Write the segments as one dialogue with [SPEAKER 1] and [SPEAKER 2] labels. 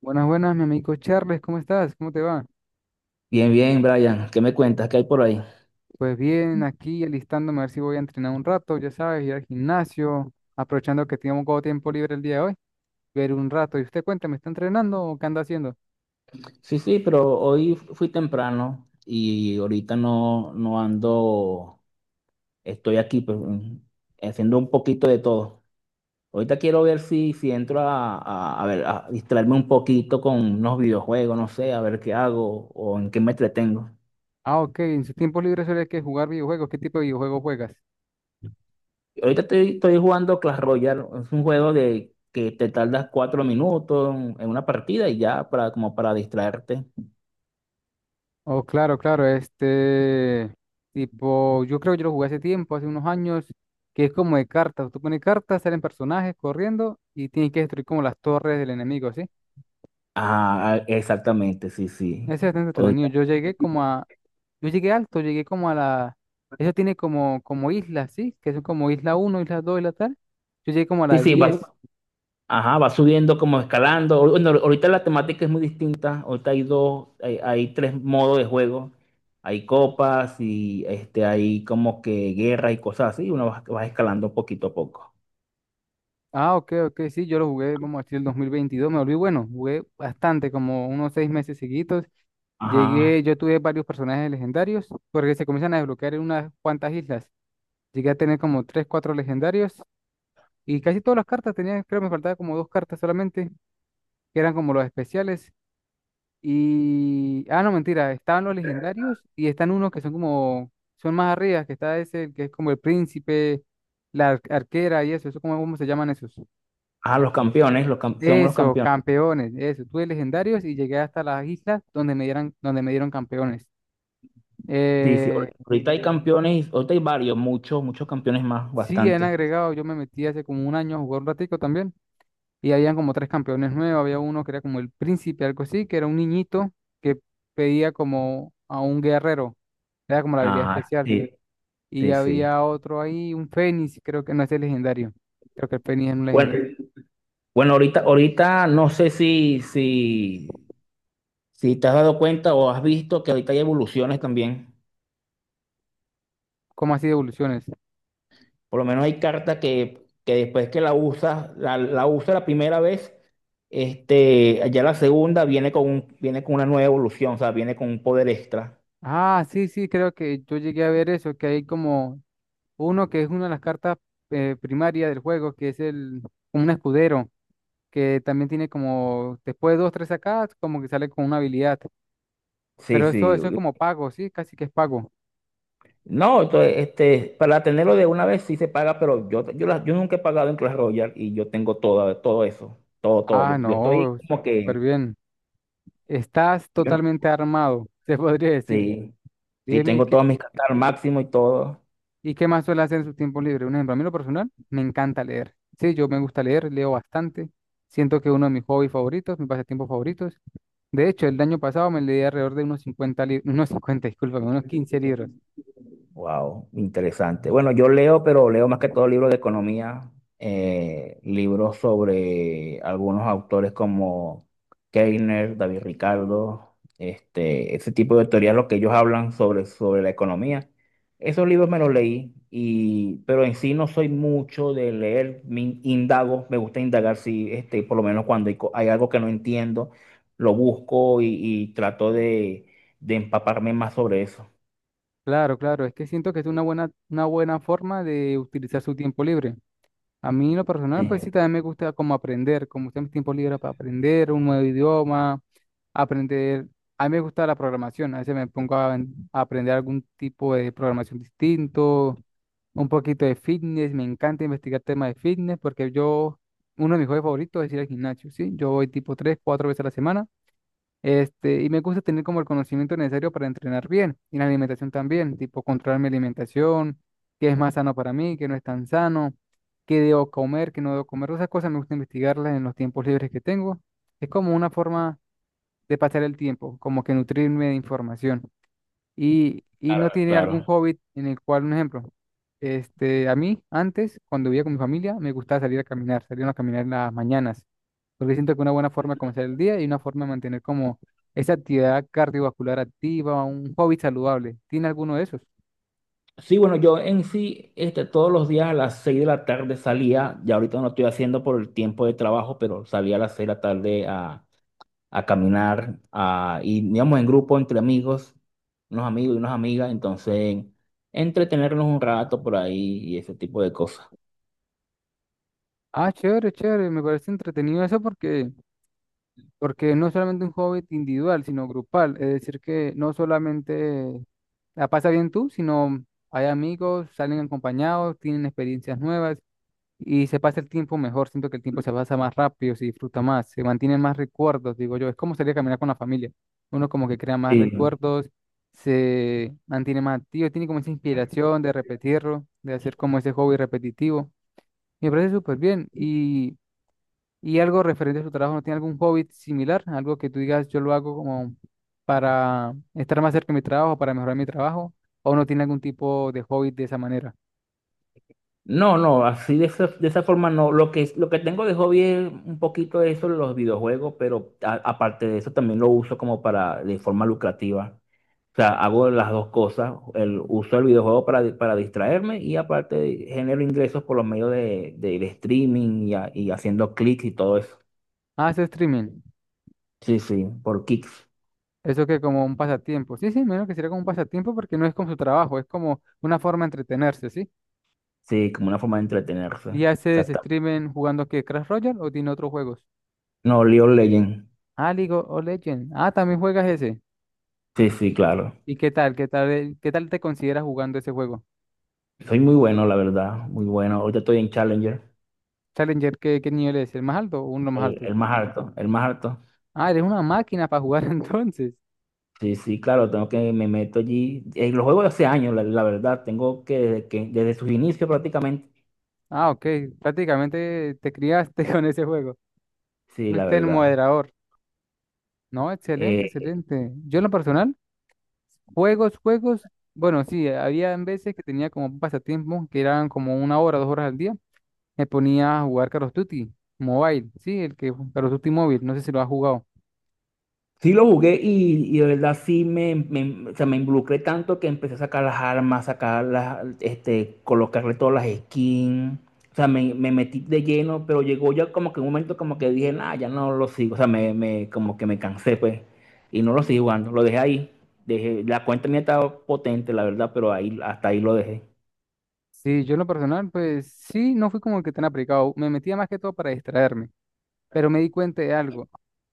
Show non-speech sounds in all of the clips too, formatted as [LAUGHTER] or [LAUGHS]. [SPEAKER 1] Buenas, buenas, mi amigo Charles, ¿cómo estás? ¿Cómo te va?
[SPEAKER 2] Bien, bien, Brian, ¿qué me cuentas? ¿Qué hay por ahí?
[SPEAKER 1] Pues bien, aquí alistándome a ver si voy a entrenar un rato, ya sabes, ir al gimnasio, aprovechando que tengo un poco de tiempo libre el día de hoy, ver un rato. ¿Y usted cuenta, me está entrenando o qué anda haciendo?
[SPEAKER 2] Sí, sí, pero hoy fui temprano y ahorita no, no ando, estoy aquí pues, haciendo un poquito de todo. Ahorita quiero ver si entro a a distraerme un poquito con unos videojuegos, no sé, a ver qué hago o en qué me entretengo.
[SPEAKER 1] Ah, ok, en su tiempo libre suele que jugar videojuegos, ¿qué tipo de videojuegos juegas?
[SPEAKER 2] Ahorita estoy jugando Clash Royale. Es un juego de que te tardas 4 minutos en una partida y ya, para como para distraerte.
[SPEAKER 1] Oh, claro, claro, este tipo, yo creo que yo lo jugué hace tiempo, hace unos años, que es como de cartas, tú pones cartas, salen personajes corriendo y tienes que destruir como las torres del enemigo, ¿sí?
[SPEAKER 2] Ah, exactamente, sí, sí.
[SPEAKER 1] Ese es entretenido. Yo llegué alto, llegué como a la, eso tiene como islas, ¿sí? Que son como isla uno, isla 2, isla tal. Yo llegué como a
[SPEAKER 2] Sí,
[SPEAKER 1] la
[SPEAKER 2] sí, y
[SPEAKER 1] 10.
[SPEAKER 2] ajá, va subiendo como escalando. Bueno, ahorita la temática es muy distinta. Ahorita hay tres modos de juego. Hay copas y este, hay como que guerra y cosas así. Uno va escalando poquito a poco.
[SPEAKER 1] Ah, ok, ok, sí, yo lo jugué, vamos a decir, el 2022. Me volví bueno, jugué bastante, como unos 6 meses seguidos.
[SPEAKER 2] Ajá.
[SPEAKER 1] Yo tuve varios personajes legendarios, porque se comienzan a desbloquear en unas cuantas islas. Llegué a tener como tres, cuatro legendarios, y casi todas las cartas tenía, creo que me faltaba como dos cartas solamente, que eran como los especiales. Ah, no, mentira. Estaban los legendarios y están unos que son como. Son más arriba, que está ese, que es como el príncipe, la arquera y eso. Eso, ¿cómo se llaman esos?
[SPEAKER 2] Ah, los campeones, son los
[SPEAKER 1] Eso,
[SPEAKER 2] campeones.
[SPEAKER 1] campeones. Eso. Tuve legendarios y llegué hasta las islas donde me dieran, donde me dieron campeones.
[SPEAKER 2] Sí, sí.
[SPEAKER 1] Eh,
[SPEAKER 2] Ahorita hay campeones, ahorita hay varios, muchos campeones más,
[SPEAKER 1] sí, han
[SPEAKER 2] bastante.
[SPEAKER 1] agregado. Yo me metí hace como un año a jugar un ratico también. Y habían como tres campeones nuevos. Había uno que era como el príncipe, algo así, que era un niñito que pedía como a un guerrero. Era como la habilidad
[SPEAKER 2] Ah,
[SPEAKER 1] especial.
[SPEAKER 2] sí,
[SPEAKER 1] Y
[SPEAKER 2] sí, sí.
[SPEAKER 1] había otro ahí, un Fénix, creo que no es el legendario. Creo que el Fénix es un
[SPEAKER 2] Bueno,
[SPEAKER 1] legendario.
[SPEAKER 2] bueno, ahorita no sé si si te has dado cuenta o has visto que ahorita hay evoluciones también,
[SPEAKER 1] ¿Cómo así de evoluciones?
[SPEAKER 2] por lo menos hay cartas que después que la usas, la usas la primera vez, este, ya la segunda viene con un, viene con una nueva evolución, o sea, viene con un poder extra.
[SPEAKER 1] Ah, sí, sí, creo que yo llegué a ver eso, que hay como uno que es una de las cartas primarias del juego, que es el como un escudero, que también tiene como, después de dos, tres sacadas, como que sale con una habilidad.
[SPEAKER 2] Sí,
[SPEAKER 1] Pero eso,
[SPEAKER 2] sí.
[SPEAKER 1] eso es como pago, sí, casi que es pago.
[SPEAKER 2] No, entonces, este, para tenerlo de una vez sí se paga, pero yo nunca he pagado en Clash Royale y yo tengo todo, todo eso, todo, todo.
[SPEAKER 1] Ah,
[SPEAKER 2] Yo estoy
[SPEAKER 1] no,
[SPEAKER 2] como
[SPEAKER 1] súper
[SPEAKER 2] que,
[SPEAKER 1] bien. Estás
[SPEAKER 2] yo no-
[SPEAKER 1] totalmente armado, [LAUGHS] se podría decir.
[SPEAKER 2] sí, sí,
[SPEAKER 1] Dime.
[SPEAKER 2] tengo todas mis cartas al máximo y todo.
[SPEAKER 1] ¿Y qué más suele hacer en su tiempo libre? Un ejemplo, a mí en lo personal, me encanta leer. Sí, yo me gusta leer, leo bastante. Siento que es uno de mis hobbies favoritos, mis pasatiempos favoritos. De hecho, el año pasado me leí alrededor de unos 50 libros, [LAUGHS] unos 50 discúlpame, unos 15 libros.
[SPEAKER 2] Wow, interesante. Bueno, yo leo, pero leo más que todo libros de economía, libros sobre algunos autores como Keiner, David Ricardo, este, ese tipo de teorías, lo que ellos hablan sobre, sobre la economía. Esos libros me los leí, y, pero en sí no soy mucho de leer, indago, me gusta indagar si, este, por lo menos cuando hay algo que no entiendo, lo busco y trato de empaparme más sobre eso.
[SPEAKER 1] Claro, claro, es que siento que es una buena forma de utilizar su tiempo libre. A mí, en lo
[SPEAKER 2] Sí,
[SPEAKER 1] personal, pues sí, también me gusta como aprender, como usar mis tiempos libres para aprender un nuevo idioma, aprender. A mí me gusta la programación, a veces me pongo a aprender algún tipo de programación distinto, un poquito de fitness, me encanta investigar temas de fitness porque yo, uno de mis hobbies favoritos es ir al gimnasio, ¿sí? Yo voy tipo tres, cuatro veces a la semana. Y me gusta tener como el conocimiento necesario para entrenar bien y la alimentación también, tipo controlar mi alimentación, qué es más sano para mí, qué no es tan sano, qué debo comer, qué no debo comer. Esas cosas me gusta investigarlas en los tiempos libres que tengo. Es como una forma de pasar el tiempo, como que nutrirme de información. Y
[SPEAKER 2] claro,
[SPEAKER 1] no tiene algún
[SPEAKER 2] claro.
[SPEAKER 1] hobby en el cual, un ejemplo, a mí antes, cuando vivía con mi familia, me gustaba salir a caminar en las mañanas porque siento que una buena forma de comenzar el día y una forma de mantener como esa actividad cardiovascular activa, un hobby saludable. ¿Tiene alguno de esos?
[SPEAKER 2] Sí, bueno, yo en sí, este, todos los días a las 6 de la tarde salía, ya ahorita no lo estoy haciendo por el tiempo de trabajo, pero salía a las 6 de la tarde a caminar, a, y íbamos en grupo entre amigos, unos amigos y unas amigas, entonces entretenernos un rato por ahí y ese tipo de cosas.
[SPEAKER 1] Ah, chévere, chévere, me parece entretenido eso porque no es solamente un hobby individual, sino grupal. Es decir, que no solamente la pasa bien tú, sino hay amigos, salen acompañados, tienen experiencias nuevas. Y se pasa el tiempo mejor. Siento que el tiempo se pasa más rápido, se disfruta más, se mantienen más recuerdos, digo yo. Es como salir a caminar con la familia. Uno como que crea más
[SPEAKER 2] Sí.
[SPEAKER 1] recuerdos, se mantiene más activo, tiene como esa inspiración de repetirlo, de hacer como ese hobby repetitivo. Me parece súper bien. Y algo referente a su trabajo, ¿no tiene algún hobby similar? Algo que tú digas, yo lo hago como para estar más cerca de mi trabajo, para mejorar mi trabajo, o no tiene algún tipo de hobby de esa manera.
[SPEAKER 2] No, no, así de esa forma no. Lo que tengo de hobby es un poquito de eso, los videojuegos, pero aparte de eso también lo uso como para, de forma lucrativa. O sea, hago las dos cosas, el, uso el videojuego para distraerme y aparte genero ingresos por los medios de streaming y, y haciendo clics y todo eso.
[SPEAKER 1] Ah, Hace streaming.
[SPEAKER 2] Sí, sí, por kicks.
[SPEAKER 1] Eso que como un pasatiempo. Sí, sí, menos que sería como un pasatiempo porque no es como su trabajo, es como una forma de entretenerse, ¿sí?
[SPEAKER 2] Sí, como una forma de entretenerse.
[SPEAKER 1] ¿Y haces
[SPEAKER 2] Exacto.
[SPEAKER 1] streaming jugando qué? ¿Crash Royale o tiene otros juegos?
[SPEAKER 2] No, League of Legends.
[SPEAKER 1] Ah, League of Legends. Ah, también juegas ese.
[SPEAKER 2] Sí, sí, claro.
[SPEAKER 1] ¿Y qué tal? ¿Qué tal, qué tal te consideras jugando ese juego?
[SPEAKER 2] Soy muy bueno, la verdad, muy bueno. Ahorita estoy en Challenger,
[SPEAKER 1] Challenger, ¿qué nivel es? ¿El más alto o uno de los más
[SPEAKER 2] el,
[SPEAKER 1] altos?
[SPEAKER 2] el más alto, el más alto.
[SPEAKER 1] Ah, eres una máquina para jugar [LAUGHS] entonces.
[SPEAKER 2] Sí, sí, claro, tengo que me meto allí. Los juegos de hace años, la verdad, tengo que desde sus inicios prácticamente.
[SPEAKER 1] Ah, ok. Prácticamente te criaste [LAUGHS] con ese juego.
[SPEAKER 2] Sí, la
[SPEAKER 1] Fuiste el
[SPEAKER 2] verdad.
[SPEAKER 1] moderador. No, excelente,
[SPEAKER 2] Eh,
[SPEAKER 1] excelente. Yo en lo personal. Juegos, juegos, bueno, sí, había en veces que tenía como un pasatiempo que eran como 1 hora, 2 horas al día. Me ponía a jugar Call of Duty Mobile, sí, el que Call of Duty Mobile, no sé si lo has jugado.
[SPEAKER 2] Sí lo jugué y de verdad sí o sea, me involucré tanto que empecé a sacar las armas, sacar las, este, colocarle todas las skins. O sea, me metí de lleno, pero llegó ya como que un momento como que dije, nah, ya no lo sigo. O sea, como que me cansé, pues. Y no lo sigo jugando, lo dejé ahí. Dejé, la cuenta mía estaba potente, la verdad, pero ahí, hasta ahí lo dejé.
[SPEAKER 1] Sí, yo en lo personal, pues sí, no fui como el que tan aplicado. Me metía más que todo para distraerme, pero me di cuenta de algo,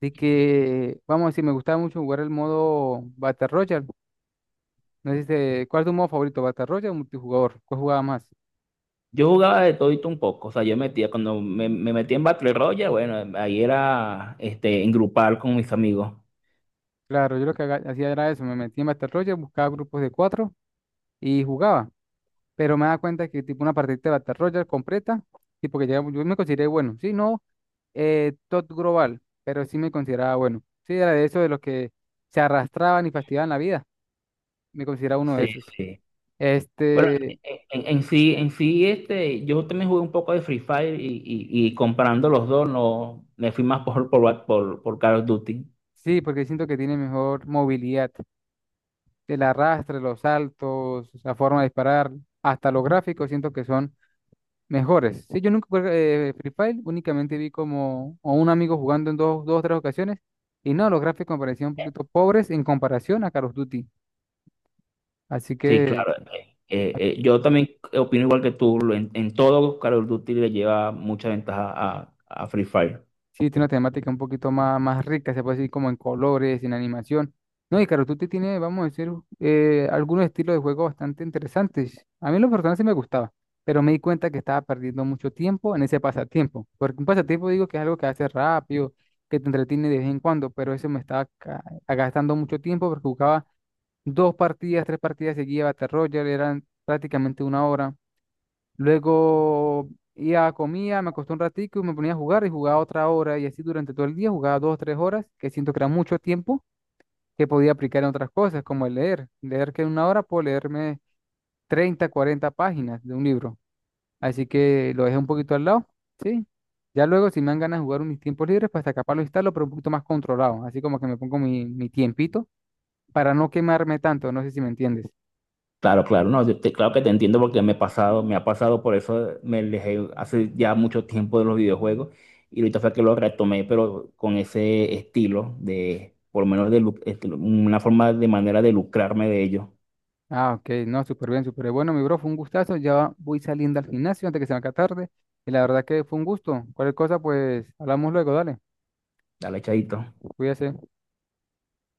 [SPEAKER 1] de que, vamos a decir, me gustaba mucho jugar el modo Battle Royale. No sé si ¿cuál es tu modo favorito, Battle Royale o multijugador? ¿Cuál jugaba más?
[SPEAKER 2] Yo jugaba de todito un poco, o sea, yo metía, cuando me metía en Battle Royale, bueno, ahí era, este, en grupal con mis amigos.
[SPEAKER 1] Claro, yo lo que hacía era eso, me metía en Battle Royale, buscaba grupos de cuatro y jugaba. Pero me da cuenta que tipo una partida de Battle Royale completa, tipo que ya, yo me consideré bueno, sí, no top global, pero sí me consideraba bueno, sí, era de esos de los que se arrastraban y fastidiaban la vida, me consideraba uno de
[SPEAKER 2] Sí,
[SPEAKER 1] esos.
[SPEAKER 2] sí. Bueno,
[SPEAKER 1] Este,
[SPEAKER 2] en sí, este, yo también jugué un poco de Free Fire y, y comparando los dos, no, me fui más por Call of Duty.
[SPEAKER 1] sí, porque siento que tiene mejor movilidad, el arrastre, los saltos, la forma de disparar, hasta los gráficos, siento que son mejores. Sí, yo nunca jugué Free Fire, únicamente vi como a un amigo jugando en dos o tres ocasiones. Y no, los gráficos me parecían un poquito pobres en comparación a Call of Duty. Así
[SPEAKER 2] Sí,
[SPEAKER 1] que
[SPEAKER 2] claro. Yo también opino igual que tú, en todo Call of Duty le lleva mucha ventaja a Free Fire.
[SPEAKER 1] sí, tiene una temática un poquito más rica, se puede decir como en colores, en animación. No, y Call of Duty tiene, vamos a decir, algunos estilos de juego bastante interesantes. A mí los personajes sí me gustaba, pero me di cuenta que estaba perdiendo mucho tiempo en ese pasatiempo. Porque un pasatiempo digo que es algo que hace rápido, que te entretiene de vez en cuando, pero eso me estaba gastando mucho tiempo porque jugaba dos partidas, tres partidas seguidas, Battle Royale, eran prácticamente una hora. Luego iba, comía, me acosté un ratico y me ponía a jugar y jugaba otra hora y así durante todo el día jugaba 2 o 3 horas, que siento que era mucho tiempo que podía aplicar en otras cosas, como el leer. Leer que en una hora puedo leerme 30 40 páginas de un libro. Así que lo dejé un poquito al lado, ¿sí? Ya luego si me dan ganas de jugar en mis tiempos libres, pues hasta capaz lo instalo, pero un poquito más controlado, así como que me pongo mi tiempito para no quemarme tanto, no sé si me entiendes.
[SPEAKER 2] Claro, claro, no, claro que te entiendo porque me he pasado, me ha pasado, por eso me alejé hace ya mucho tiempo de los videojuegos y ahorita fue que lo retomé, pero con ese estilo de, por lo menos de, este, una forma de manera de lucrarme de ello.
[SPEAKER 1] Ah, ok, no, súper bien, súper bien. Bueno, mi bro, fue un gustazo. Ya voy saliendo al gimnasio antes que se me haga tarde. Y la verdad que fue un gusto. Cualquier cosa, pues hablamos luego, dale.
[SPEAKER 2] Dale, chadito.
[SPEAKER 1] Cuídese.